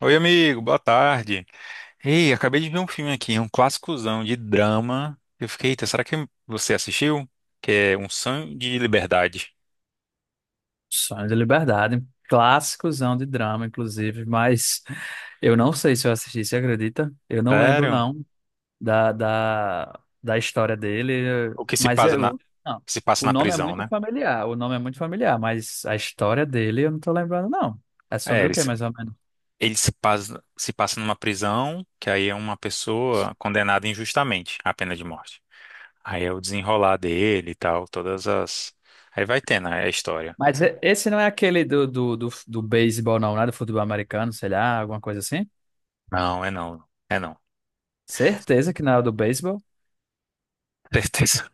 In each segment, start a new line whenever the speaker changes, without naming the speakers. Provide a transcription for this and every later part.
Oi, amigo, boa tarde. Ei, acabei de ver um filme aqui, um clássicozão de drama. Eu fiquei, eita, será que você assistiu? Que é Um Sonho de Liberdade.
Sonho de Liberdade, clássicozão de drama, inclusive, mas eu não sei se eu assisti, você acredita? Eu não lembro,
Sério?
não, da história dele,
O que se
mas
passa na,
eu, não,
se passa
o
na
nome é
prisão,
muito
né?
familiar, o nome é muito familiar, mas a história dele eu não tô lembrando, não. É
É,
sobre o
ele,
quê, mais ou menos?
ele se passa, se passa numa prisão, que aí é uma pessoa condenada injustamente à pena de morte. Aí é o desenrolar dele e tal, todas as. Aí vai tendo a história.
Mas esse não é aquele do beisebol, não, né? Do futebol americano, sei lá, alguma coisa assim?
Não, é não. É não.
Certeza que não é o do beisebol.
Certeza.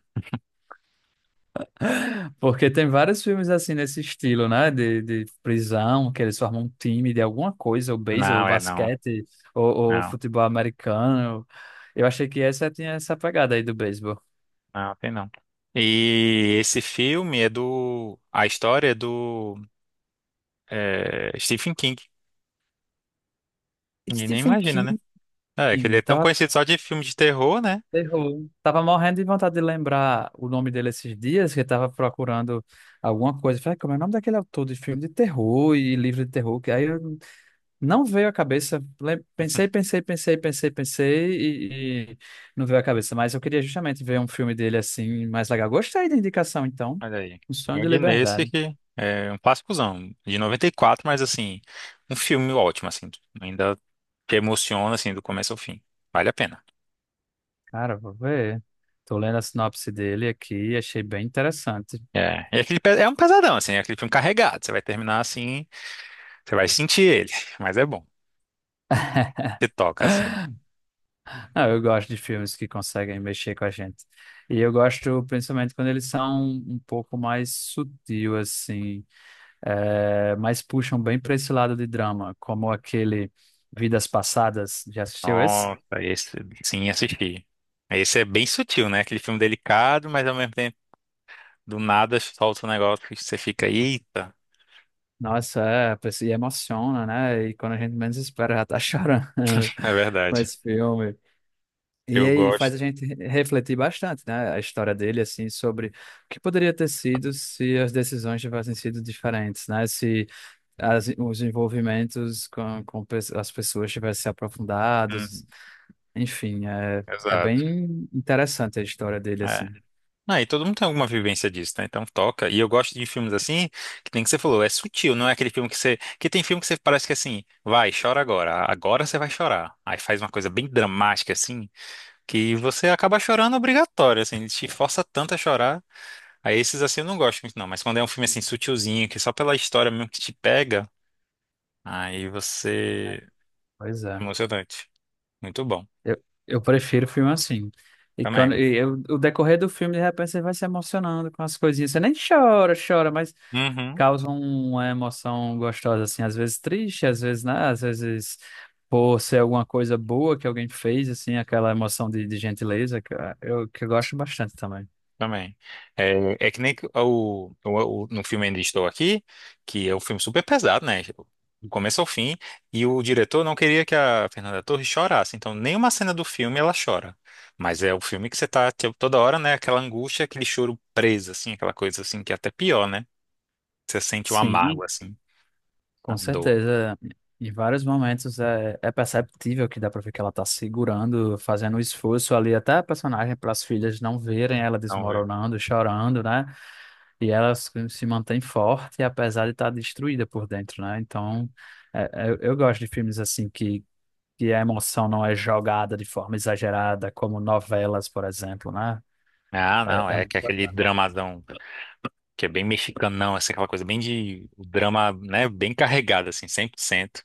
Porque tem vários filmes assim nesse estilo, né? De prisão, que eles formam um time de alguma coisa, ou beisebol, ou
Não, é não.
basquete, ou
Não.
futebol americano. Eu achei que essa tinha essa pegada aí do beisebol.
Ah, tem não. E esse filme é do. A história é do é, Stephen King. Ninguém nem
Stephen
imagina, né?
King
É, que ele é tão
tava,
conhecido só de filme de terror, né?
terror. Tava morrendo de vontade de lembrar o nome dele esses dias, que eu tava procurando alguma coisa. Falei, como é o nome daquele autor de filme de terror e livro de terror? Que aí eu não veio à cabeça. Pensei, pensei, pensei, pensei, pensei e não veio à cabeça. Mas eu queria justamente ver um filme dele assim, mais legal. Gostei da indicação, então.
Olha aí.
Um Sonho
Eu
de
de nesse
Liberdade.
que é um clássicozão, de 94, mas assim, um filme ótimo, assim. Ainda te emociona, assim, do começo ao fim. Vale a pena.
Cara, vou ver. Tô lendo a sinopse dele aqui e achei bem interessante.
É, e aquele, é um pesadão, assim, é aquele filme carregado. Você vai terminar assim, você vai sentir ele, mas é bom. Você toca, assim.
Ah, eu gosto de filmes que conseguem mexer com a gente. E eu gosto principalmente quando eles são um pouco mais sutil, assim, mas puxam bem para esse lado de drama, como aquele Vidas Passadas. Já assistiu esse?
Nossa, esse sim, assisti. Esse é bem sutil, né? Aquele filme delicado, mas ao mesmo tempo, do nada solta um negócio que você fica, eita,
Nossa, é, e emociona, né? E quando a gente menos espera, já tá chorando
é
com
verdade.
esse filme. E
Eu
aí faz
gosto.
a gente refletir bastante, né? A história dele, assim, sobre o que poderia ter sido se as decisões tivessem sido diferentes, né? Se as, os envolvimentos com as pessoas tivessem se
Uhum,
aprofundados. Enfim, é, é
exato.
bem interessante a história dele,
É.
assim.
Ah, e todo mundo tem alguma vivência disso, né? Então toca. E eu gosto de filmes assim, que tem que você falou, é sutil, não é aquele filme que você. Que tem filme que você parece que assim, vai, chora agora. Agora você vai chorar. Aí faz uma coisa bem dramática, assim, que você acaba chorando obrigatório, assim, ele te força tanto a chorar. Aí esses assim eu não gosto muito, não. Mas quando é um filme assim sutilzinho, que é só pela história mesmo que te pega, aí você.
Pois
É
é.
Emocionante. Muito bom.
Eu prefiro filme assim. E quando
Também.
o decorrer do filme, de repente, você vai se emocionando com as coisinhas. Você nem chora, chora, mas
Uhum.
causa uma emoção gostosa, assim, às vezes triste, às vezes, né? Às vezes por ser alguma coisa boa que alguém fez, assim, aquela emoção de gentileza, que eu gosto bastante também.
Também. É, é que nem no filme Ainda Estou Aqui, que é um filme super pesado, né? Tipo, do começo ao fim. E o diretor não queria que a Fernanda Torres chorasse. Então, nenhuma cena do filme ela chora. Mas é o filme que você tá tipo, toda hora, né? Aquela angústia, aquele choro preso, assim, aquela coisa assim, que é até pior, né? Você sente o
Sim.
amargo, assim, a
Com
dor.
certeza, em vários momentos é, é perceptível que dá pra ver que ela tá segurando, fazendo um esforço ali, até a personagem para as filhas não verem ela
Não, velho.
desmoronando, chorando, né? E ela se mantém forte, apesar de estar destruída por dentro, né? Então, é- eu gosto de filmes assim que a emoção não é jogada de forma exagerada, como novelas, por exemplo, né?
Ah,
É,
não,
é
é
muito
que é aquele
bacana.
dramadão que é bem mexicanão, assim, aquela coisa bem de o drama, né, bem carregado, assim, 100%.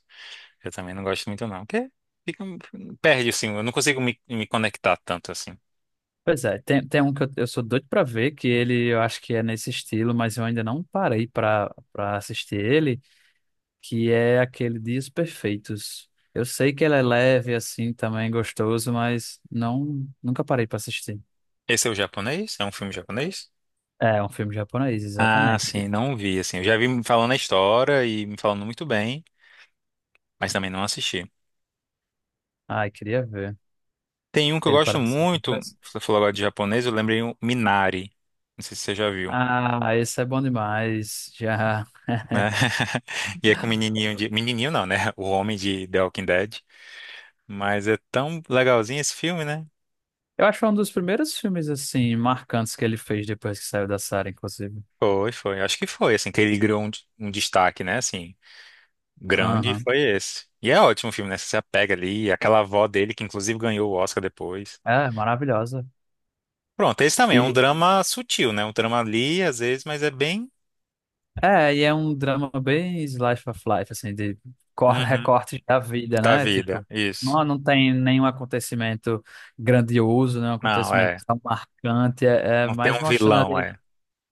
Eu também não gosto muito, não, porque fica, perde, assim, eu não consigo me conectar tanto, assim.
Pois é, tem, tem um que eu sou doido pra ver, que ele eu acho que é nesse estilo, mas eu ainda não parei pra assistir ele, que é aquele Dias Perfeitos. Eu sei que ele é leve, assim, também gostoso, mas não, nunca parei pra assistir.
Esse é o japonês? É um filme japonês?
É é um filme japonês,
Ah,
exatamente.
sim, não vi, assim, eu já vi me falando a história e me falando muito bem, mas também não assisti.
Ai, queria ver.
Tem um que eu
Ele
gosto
parece ser bem
muito,
interessante.
você falou agora de japonês, eu lembrei o Minari, não sei se você já viu.
Ah, esse é bom demais. Já.
Né? E é com o menininho de... Menininho não, né? O homem de The Walking Dead. Mas é tão legalzinho esse filme, né?
Eu acho que foi um dos primeiros filmes, assim, marcantes que ele fez depois que saiu da série, inclusive.
Foi, foi. Acho que foi, assim, que ele criou um, um destaque, né? Assim, grande
Aham.
foi esse. E é ótimo o filme, né? Você se apega ali. Aquela avó dele, que inclusive ganhou o Oscar depois.
É, maravilhosa.
Pronto, esse também é um
e
drama sutil, né? Um drama ali, às vezes, mas é bem...
É, e é um drama bem slice of life, assim, de
Uhum,
recortes da vida,
da
né?
vida,
Tipo,
isso.
não, não tem nenhum acontecimento grandioso, nenhum
Não,
acontecimento
é.
tão marcante. É, é
Não tem
mais
um
mostrando
vilão,
ali,
é.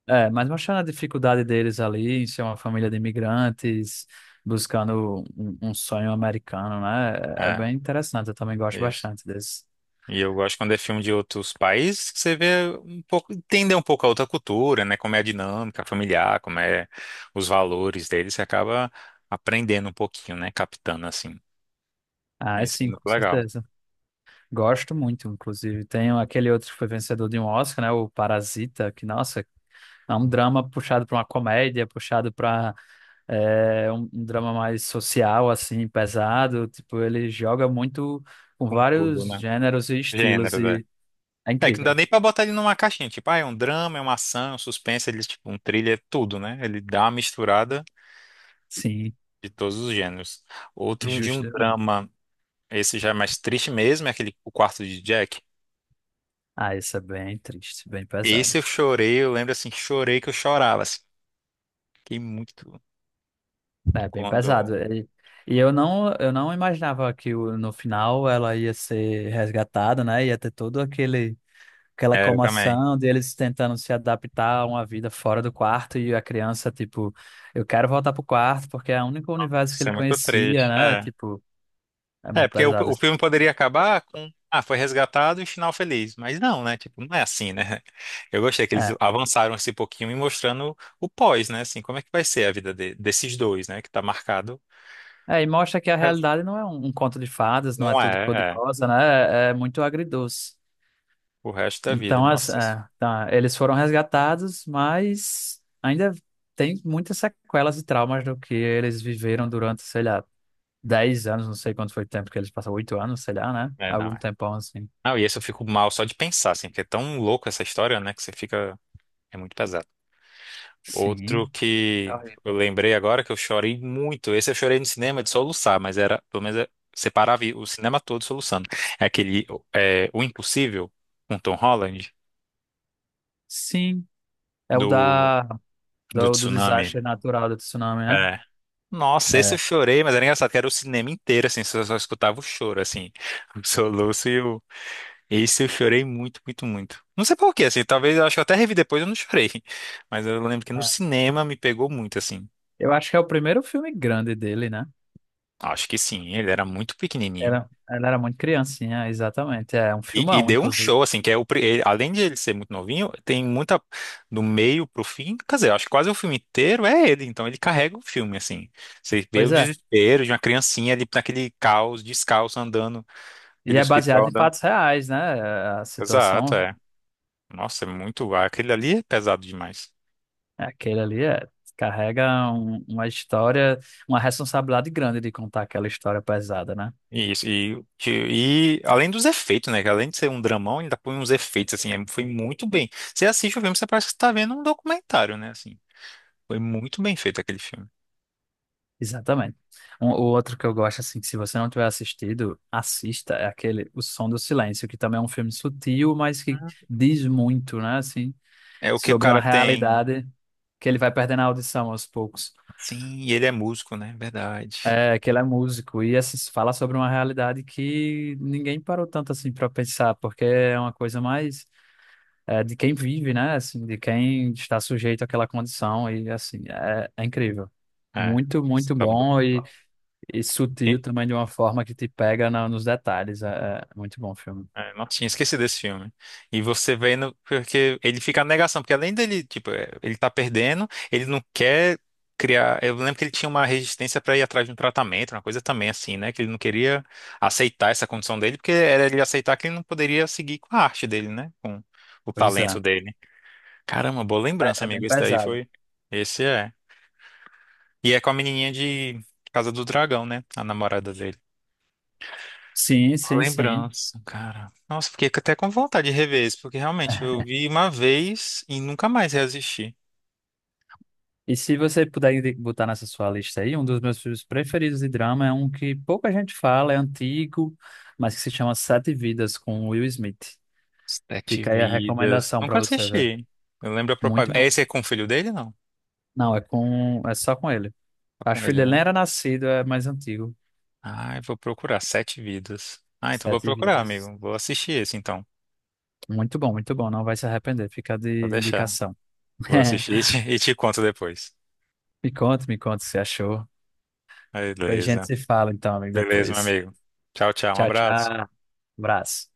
é, mais mostrando a dificuldade deles ali em ser uma família de imigrantes, buscando um, um sonho americano, né? É, é
É,
bem interessante, eu também gosto
isso.
bastante desse.
E eu gosto quando é filme de outros países, que você vê um pouco, entender um pouco a outra cultura, né? Como é a dinâmica familiar, como é os valores deles, você acaba aprendendo um pouquinho, né? Captando assim.
Ah, é
Isso é
sim,
muito
com
legal.
certeza. Gosto muito, inclusive. Tem aquele outro que foi vencedor de um Oscar, né? O Parasita, que, nossa. É um drama puxado para uma comédia, puxado para um, um drama mais social, assim, pesado. Tipo, ele joga muito com
Com tudo,
vários
né?
gêneros e estilos
Gênero, velho.
e é
É que não dá
incrível.
nem pra botar ele numa caixinha, tipo, ah, é um drama, é uma ação, é um suspense, ele, tipo, um thriller, é tudo, né? Ele dá uma misturada
Sim,
de todos os gêneros. Outro de um
justamente.
drama, esse já é mais triste mesmo, é aquele O Quarto de Jack.
Ah, isso é bem triste, bem pesado.
Esse eu chorei, eu lembro assim, chorei que eu chorava, assim, fiquei muito
É bem pesado.
quando.
E eu não imaginava que no final ela ia ser resgatada, né? Ia ter todo aquele aquela
É, eu também.
comoção deles tentando se adaptar a uma vida fora do quarto e a criança, tipo, eu quero voltar pro quarto porque é o único universo que
Isso
ele
é muito
conhecia,
triste.
né?
É.
Tipo, é
É,
muito
porque o,
pesado.
o filme poderia acabar com. Ah, foi resgatado e final feliz. Mas não, né? Tipo, não é assim, né? Eu gostei que eles
É.
avançaram esse pouquinho e mostrando o pós, né? Assim, como é que vai ser a vida desses dois, né? Que tá marcado.
É, e mostra que a
Mas
realidade não é um, um conto de fadas, não é
não
tudo
é, é.
cor-de-rosa, né? É, é muito agridoce.
O resto da vida.
Então, as,
Nossa. Isso-
é, tá, eles foram resgatados, mas ainda tem muitas sequelas e traumas do que eles viveram durante, sei lá, 10 anos, não sei quanto foi o tempo que eles passaram, 8 anos, sei lá, né?
é, não
Algum
é.
tempão assim.
Não, e esse eu fico mal só de pensar, assim, porque é tão louco essa história, né? Que você fica. É muito pesado.
Sim.
Outro
É
que eu
horrível.
lembrei agora que eu chorei muito. Esse eu chorei no cinema de soluçar, mas era, pelo menos, eu separava o cinema todo soluçando. É aquele é, O Impossível, com Tom Holland,
Sim. É o
do,
da,
do
do
Tsunami.
desastre natural do tsunami, né?
É. Nossa, esse eu
É.
chorei, mas era engraçado que era o cinema inteiro, assim, só escutava o choro, assim, o soluço e o. Esse eu chorei muito, muito, muito. Não sei por quê, assim, talvez eu acho que eu até revi depois eu não chorei. Mas eu lembro que no
É.
cinema me pegou muito, assim.
Eu acho que é o primeiro filme grande dele, né?
Acho que sim, ele era muito pequenininho.
Ela era muito criancinha, exatamente. É um
E
filmão,
deu um
inclusive.
show, assim, que é além de ele ser muito novinho, tem muita, do meio pro fim, quer dizer, eu acho que quase o filme inteiro é ele, então ele carrega o filme, assim. Você vê o
Pois é.
desespero de uma criancinha ali naquele caos, descalço, andando,
E
aquele
é
hospital
baseado em
andando.
fatos reais, né? A
Exato,
situação,
é. Nossa, é muito, aquele ali é pesado demais.
é aquele ali, é, carrega uma história, uma responsabilidade grande de contar aquela história pesada, né?
E isso, e além dos efeitos, né, que além de ser um dramão, ainda põe uns efeitos, assim, foi muito bem. Você assiste o filme, você parece que está vendo um documentário, né, assim. Foi muito bem feito aquele filme.
Exatamente. Um, o outro que eu gosto, assim, que se você não tiver assistido, assista, é aquele O Som do Silêncio, que também é um filme sutil, mas que diz muito, né, assim,
É o que o
sobre uma
cara tem.
realidade que ele vai perdendo a audição aos poucos.
Sim, e ele é músico, né? Verdade.
É, que ele é músico e assim, fala sobre uma realidade que ninguém parou tanto assim para pensar, porque é uma coisa mais é, de quem vive, né, assim, de quem está sujeito àquela condição e assim, é, é incrível.
É.
Muito, muito
Tá bom.
bom. E sutil
E-
também de uma forma que te pega nos detalhes. É, é é muito bom o filme.
é, nossa, tinha esquecido desse filme. E você vendo, porque ele fica na negação, porque além dele, tipo, é, ele tá perdendo, ele não quer criar. Eu lembro que ele tinha uma resistência pra ir atrás de um tratamento, uma coisa também assim, né? Que ele não queria aceitar essa condição dele, porque era ele aceitar que ele não poderia seguir com a arte dele, né? Com o
Pois
talento
é.
dele. Caramba, boa lembrança,
É é bem
amigo. Esse daí
pesado.
foi. Esse é. E é com a menininha de Casa do Dragão, né? A namorada dele.
Sim,
Uma
sim, sim.
lembrança, cara. Nossa, fiquei até com vontade de rever isso, porque realmente eu vi uma vez e nunca mais reassisti.
E se você puder botar nessa sua lista aí, um dos meus filmes preferidos de drama é um que pouca gente fala, é antigo, mas que se chama Sete Vidas, com Will Smith.
Sete
Fica aí a
Vidas.
recomendação pra
Nunca
você ver.
assisti. Eu lembro a
Muito
propaganda.
bom.
Esse é com o filho dele, não?
Não, é com, é só com ele.
É com
Acho que
ele,
ele nem
né?
era nascido, é mais antigo.
Ai, vou procurar. Sete Vidas. Ah, então vou
Sete
procurar,
Vidas.
amigo. Vou assistir esse, então.
Muito bom, muito bom. Não vai se arrepender. Fica
Vou
de
deixar.
indicação.
Vou assistir e te conto depois.
Me conta o que você achou. A gente
Beleza.
se fala então, amigo,
Beleza, meu
depois.
amigo. Tchau, tchau. Um
Tchau,
abraço.
tchau. Abraço.